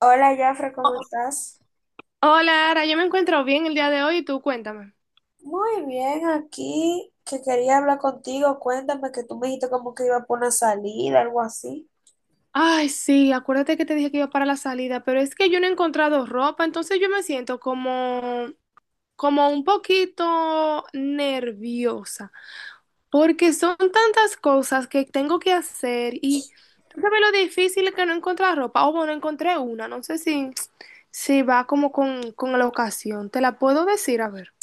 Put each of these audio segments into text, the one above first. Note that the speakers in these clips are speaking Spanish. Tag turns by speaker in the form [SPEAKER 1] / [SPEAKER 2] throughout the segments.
[SPEAKER 1] Hola, Jafre, ¿cómo
[SPEAKER 2] Oh,
[SPEAKER 1] estás?
[SPEAKER 2] hola, Ara, yo me encuentro bien el día de hoy y tú cuéntame.
[SPEAKER 1] Muy bien, aquí que quería hablar contigo. Cuéntame que tú me dijiste como que iba por una salida, algo así.
[SPEAKER 2] Ay, sí, acuérdate que te dije que iba para la salida, pero es que yo no he encontrado ropa, entonces yo me siento como, como un poquito nerviosa, porque son tantas cosas que tengo que hacer y tú sabes lo difícil que no encontrar ropa. O bueno, encontré una, no sé si, si va como con la ocasión. ¿Te la puedo decir? A ver.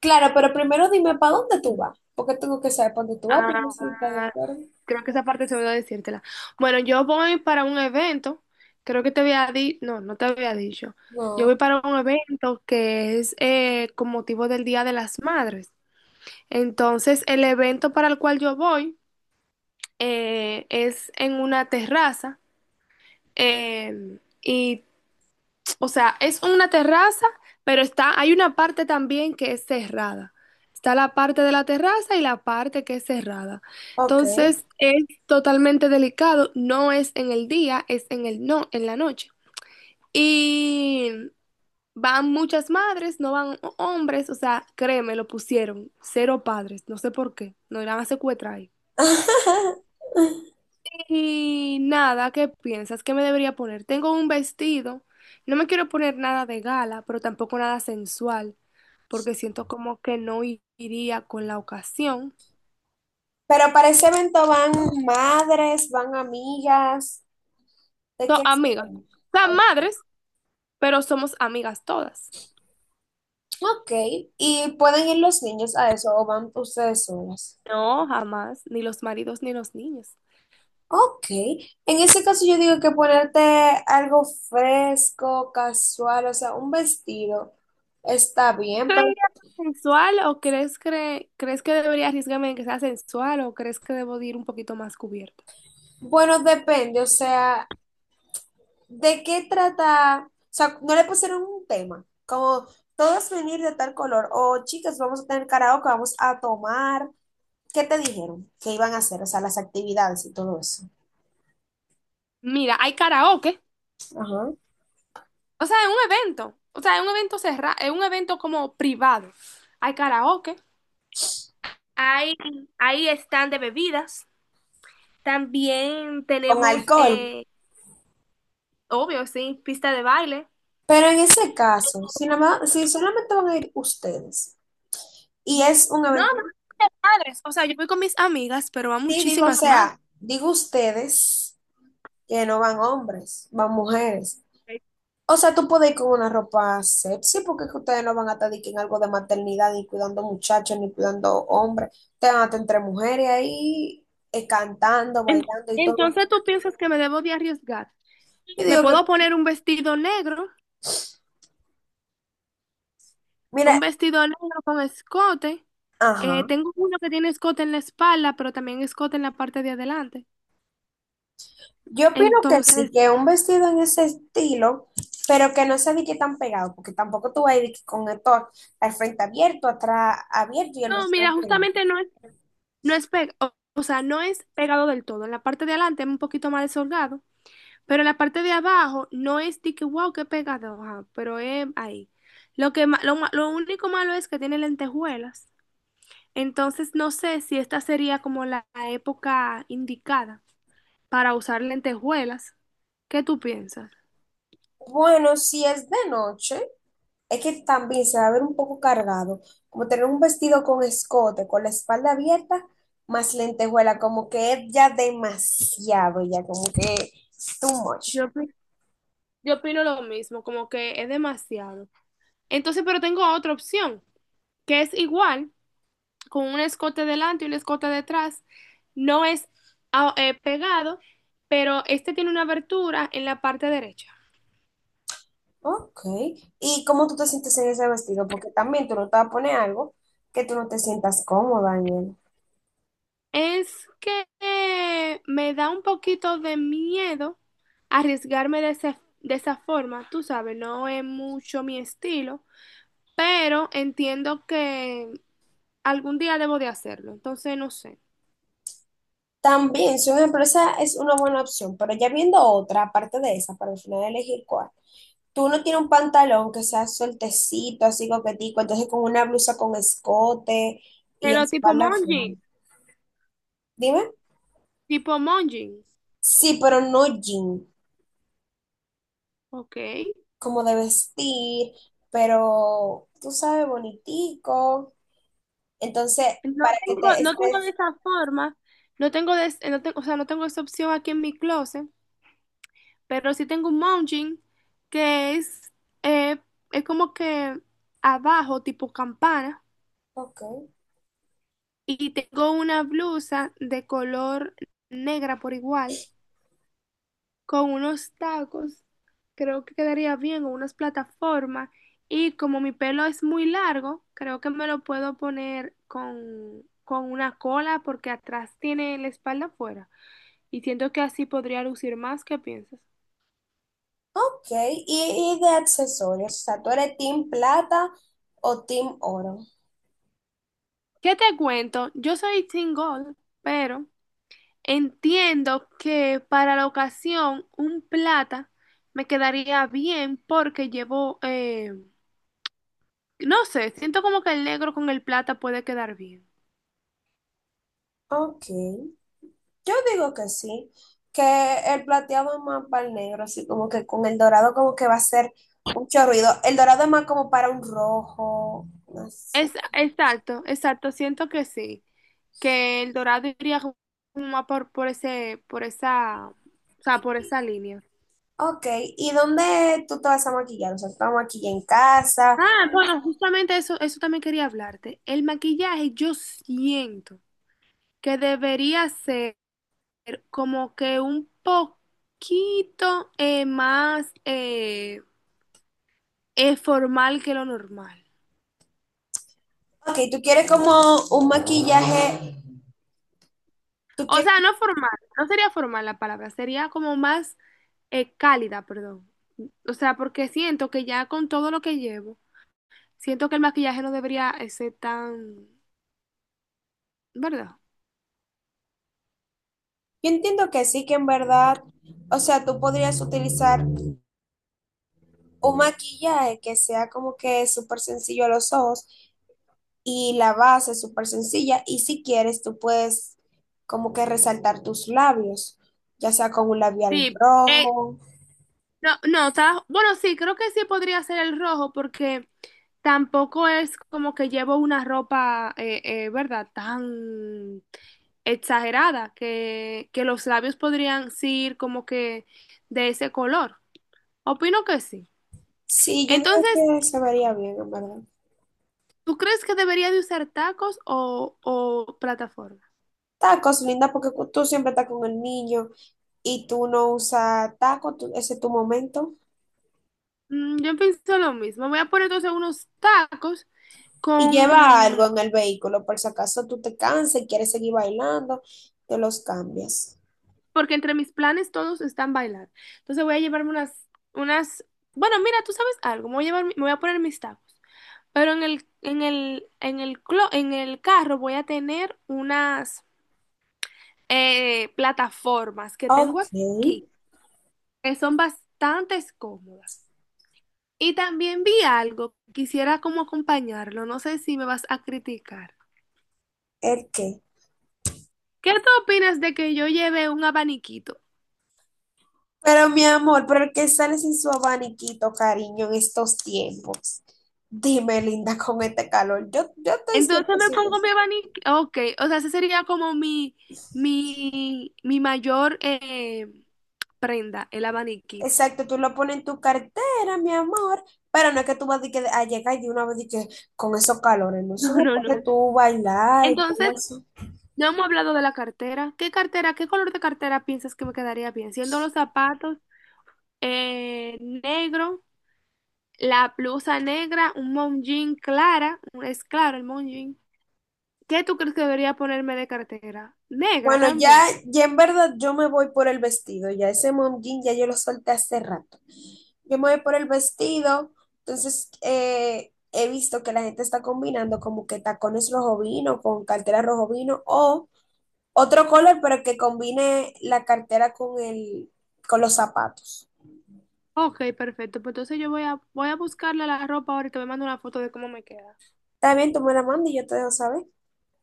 [SPEAKER 1] Claro, pero primero dime para dónde tú vas, porque tengo que saber para dónde tú vas, porque
[SPEAKER 2] Ah,
[SPEAKER 1] si estás de acuerdo.
[SPEAKER 2] creo que esa parte se me olvidó decírtela. Bueno, yo voy para un evento, creo que te había dicho, no te había dicho. Yo voy
[SPEAKER 1] No.
[SPEAKER 2] para un evento que es con motivo del Día de las Madres. Entonces, el evento para el cual yo voy es en una terraza y o sea, es una terraza, pero está, hay una parte también que es cerrada. Está la parte de la terraza y la parte que es cerrada.
[SPEAKER 1] Ok.
[SPEAKER 2] Entonces, es totalmente delicado. No es en el día, es en el no, en la noche. Y van muchas madres, no van hombres. O sea, créeme, lo pusieron. Cero padres. No sé por qué. No irán a secuestrar ahí. Y nada, ¿qué piensas que me debería poner? Tengo un vestido. No me quiero poner nada de gala, pero tampoco nada sensual, porque siento como que no iría con la ocasión.
[SPEAKER 1] Pero para ese evento van madres, van amigas, ¿de
[SPEAKER 2] So,
[SPEAKER 1] qué se
[SPEAKER 2] amigas,
[SPEAKER 1] van?
[SPEAKER 2] son
[SPEAKER 1] Oh,
[SPEAKER 2] madres, pero somos amigas todas.
[SPEAKER 1] ok, y pueden ir los niños a eso o van ustedes solas.
[SPEAKER 2] No, jamás, ni los maridos ni los niños.
[SPEAKER 1] Ok, en ese caso yo digo que ponerte algo fresco, casual, o sea, un vestido está bien,
[SPEAKER 2] ¿Crees
[SPEAKER 1] pero
[SPEAKER 2] debería ser sensual o crees, crees que debería arriesgarme en que sea sensual o crees que debo de ir un poquito más cubierta?
[SPEAKER 1] bueno, depende, o sea, de qué trata, o sea, no le pusieron un tema, como todos venir de tal color, o chicas, vamos a tener karaoke, vamos a tomar, ¿qué te dijeron que iban a hacer? O sea, las actividades y todo eso.
[SPEAKER 2] Mira, hay karaoke.
[SPEAKER 1] Ajá.
[SPEAKER 2] O sea, es un evento. O sea, es un evento cerrado, es un evento como privado. Hay karaoke. Hay, hay stand de bebidas. También
[SPEAKER 1] Con
[SPEAKER 2] tenemos,
[SPEAKER 1] alcohol.
[SPEAKER 2] obvio, sí, pista de baile.
[SPEAKER 1] Pero en ese caso, si, nada más, si solamente van a ir ustedes y
[SPEAKER 2] Mm.
[SPEAKER 1] es un
[SPEAKER 2] No,
[SPEAKER 1] evento.
[SPEAKER 2] pero madres. O sea, yo voy con mis amigas, pero va
[SPEAKER 1] Sí, digo, o
[SPEAKER 2] muchísimas madres.
[SPEAKER 1] sea, digo ustedes que no van hombres, van mujeres. O sea, tú puedes ir con una ropa sexy porque es que ustedes no van a estar de que en algo de maternidad, ni cuidando muchachos, ni cuidando hombres. Te van a estar entre mujeres ahí, cantando,
[SPEAKER 2] En-
[SPEAKER 1] bailando y todo.
[SPEAKER 2] entonces, ¿tú piensas que me debo de arriesgar?
[SPEAKER 1] Y
[SPEAKER 2] Me
[SPEAKER 1] digo que,
[SPEAKER 2] puedo poner un
[SPEAKER 1] mira,
[SPEAKER 2] vestido negro con escote.
[SPEAKER 1] ajá.
[SPEAKER 2] Tengo uno que tiene escote en la espalda, pero también escote en la parte de adelante.
[SPEAKER 1] Yo opino que sí,
[SPEAKER 2] Entonces,
[SPEAKER 1] que un vestido en ese estilo, pero que no se qué tan pegado, porque tampoco tú vas a ir de que con esto a- al frente abierto, atrás abierto y el
[SPEAKER 2] no,
[SPEAKER 1] vestido
[SPEAKER 2] mira,
[SPEAKER 1] pegado.
[SPEAKER 2] justamente no es, no es o sea, no es pegado del todo. En la parte de adelante es un poquito más desolgado, pero en la parte de abajo no es de que wow, qué pegado, ajá, pero es ahí. Lo que lo único malo es que tiene lentejuelas. Entonces no sé si esta sería como la época indicada para usar lentejuelas. ¿Qué tú piensas?
[SPEAKER 1] Bueno, si es de noche, es que también se va a ver un poco cargado, como tener un vestido con escote, con la espalda abierta, más lentejuela, como que es ya demasiado, ya como que too much.
[SPEAKER 2] Yo, opi- yo opino lo mismo, como que es demasiado. Entonces, pero tengo otra opción, que es igual, con un escote delante y un escote detrás. No es pegado, pero este tiene una abertura en la parte derecha.
[SPEAKER 1] Ok. ¿Y cómo tú te sientes en ese vestido? Porque también tú no te vas a poner algo que tú no te sientas cómoda en él.
[SPEAKER 2] Es que me da un poquito de miedo arriesgarme de esa forma, tú sabes, no es mucho mi estilo, pero entiendo que algún día debo de hacerlo, entonces no sé.
[SPEAKER 1] También, si una empresa es una buena opción, pero ya viendo otra, aparte de esa, para al final elegir cuál. Tú no tienes un pantalón que sea sueltecito, así coquetico, entonces con una blusa con escote y
[SPEAKER 2] Pero
[SPEAKER 1] espalda afuera. Dime.
[SPEAKER 2] Tipo Monji,
[SPEAKER 1] Sí, pero no jean,
[SPEAKER 2] ok.
[SPEAKER 1] como de vestir, pero tú sabes, bonitico. Entonces,
[SPEAKER 2] No
[SPEAKER 1] para que
[SPEAKER 2] tengo,
[SPEAKER 1] te
[SPEAKER 2] no tengo de
[SPEAKER 1] estés...
[SPEAKER 2] esa forma, no tengo de, no tengo, o sea, no tengo esa opción aquí en mi closet, pero sí tengo un mounting que eh, es como que abajo, tipo campana,
[SPEAKER 1] Ok.
[SPEAKER 2] y tengo una blusa de color negra por igual, con unos tacos, creo que quedaría bien, o unas plataformas, y como mi pelo es muy largo, creo que me lo puedo poner con una cola porque atrás tiene la espalda afuera. Y siento que así podría lucir más. ¿Qué piensas?
[SPEAKER 1] Ok, y de accesorios, o sea, ¿tú eres team plata o team oro?
[SPEAKER 2] ¿Qué te cuento? Yo soy single, pero entiendo que para la ocasión un plata me quedaría bien porque llevo, no sé, siento como que el negro con el plata puede quedar bien.
[SPEAKER 1] Ok, yo digo que sí, que el plateado es más para el negro, así como que con el dorado como que va a ser mucho ruido. El dorado es más como para un rojo, un
[SPEAKER 2] Es,
[SPEAKER 1] azul.
[SPEAKER 2] exacto, exacto, siento que sí, que el dorado iría como más por ese, por esa, o sea, por esa línea.
[SPEAKER 1] Ok, ¿y dónde tú te vas a maquillar? O sea, ¿tú te vas a maquillar en casa?
[SPEAKER 2] Ah, bueno, justamente eso, eso también quería hablarte. El maquillaje, yo siento que debería ser como que un poquito más formal que lo normal.
[SPEAKER 1] Ok, ¿tú quieres como un maquillaje? ¿Tú
[SPEAKER 2] O
[SPEAKER 1] quieres?
[SPEAKER 2] sea, no formal, no sería formal la palabra, sería como más cálida, perdón. O sea, porque siento que ya con todo lo que llevo, siento que el maquillaje no debería ser tan, ¿verdad?
[SPEAKER 1] Yo entiendo que sí, que en verdad, o sea, tú podrías utilizar un maquillaje que sea como que súper sencillo a los ojos y la base súper sencilla y si quieres tú puedes como que resaltar tus labios, ya sea con un labial
[SPEAKER 2] Sí, eh,
[SPEAKER 1] rojo.
[SPEAKER 2] no, no, o bueno, sí, creo que sí podría ser el rojo porque tampoco es como que llevo una ropa, ¿verdad? Tan exagerada que los labios podrían ser como que de ese color. Opino que sí.
[SPEAKER 1] Sí, yo digo
[SPEAKER 2] Entonces,
[SPEAKER 1] que se vería bien, en verdad.
[SPEAKER 2] ¿tú crees que debería de usar tacos o plataforma?
[SPEAKER 1] Tacos, linda, porque cu- tú siempre estás con el niño y tú no usas tacos, tú- ese es tu momento.
[SPEAKER 2] Mm, yo pienso lo mismo. Voy a poner entonces unos tacos
[SPEAKER 1] Y lleva algo
[SPEAKER 2] con,
[SPEAKER 1] en el vehículo, por si acaso tú te cansas y quieres seguir bailando, te los cambias.
[SPEAKER 2] porque entre mis planes todos están bailar. Entonces voy a llevarme bueno, mira, tú sabes algo, me voy a llevar, me voy a poner mis tacos, pero en en el carro voy a tener unas plataformas que tengo
[SPEAKER 1] Ok,
[SPEAKER 2] aquí, que son bastante cómodas. Y también vi algo, quisiera como acompañarlo, no sé si me vas a criticar.
[SPEAKER 1] ¿el qué?
[SPEAKER 2] ¿Qué tú opinas de que yo lleve un abaniquito?
[SPEAKER 1] Pero mi amor, ¿pero el que sale sin su abaniquito, cariño, en estos tiempos? Dime, linda, con este calor. Yo estoy
[SPEAKER 2] Entonces me
[SPEAKER 1] 100%.
[SPEAKER 2] pongo mi abanico, ok, o sea, ese sería como mi mayor prenda, el abaniquito.
[SPEAKER 1] Exacto, tú lo pones en tu cartera, mi amor, pero no es que tú vas de que a llegar de una vez de que con esos calores, no eso
[SPEAKER 2] No,
[SPEAKER 1] no
[SPEAKER 2] no,
[SPEAKER 1] puede
[SPEAKER 2] no.
[SPEAKER 1] tú bailar y
[SPEAKER 2] Entonces,
[SPEAKER 1] cosas.
[SPEAKER 2] no hemos hablado de la cartera. ¿Qué cartera, qué color de cartera piensas que me quedaría bien? Siendo los zapatos negro, la blusa negra, un mom jean clara, es claro el mom jean. ¿Qué tú crees que debería ponerme de cartera? Negra
[SPEAKER 1] Bueno, ya,
[SPEAKER 2] también.
[SPEAKER 1] ya en verdad yo me voy por el vestido, ya ese mom jean ya yo lo solté hace rato. Yo me voy por el vestido, entonces he visto que la gente está combinando como que tacones rojo vino con cartera rojo vino o otro color, pero que combine la cartera con el, con los zapatos.
[SPEAKER 2] Ok, perfecto. Pues entonces yo voy a, voy a buscarle la ropa ahora y te voy a mandar una foto de cómo me queda.
[SPEAKER 1] Está bien, tú me la mandas y yo te dejo saber.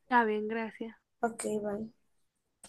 [SPEAKER 2] Está bien, gracias.
[SPEAKER 1] Ok, bye.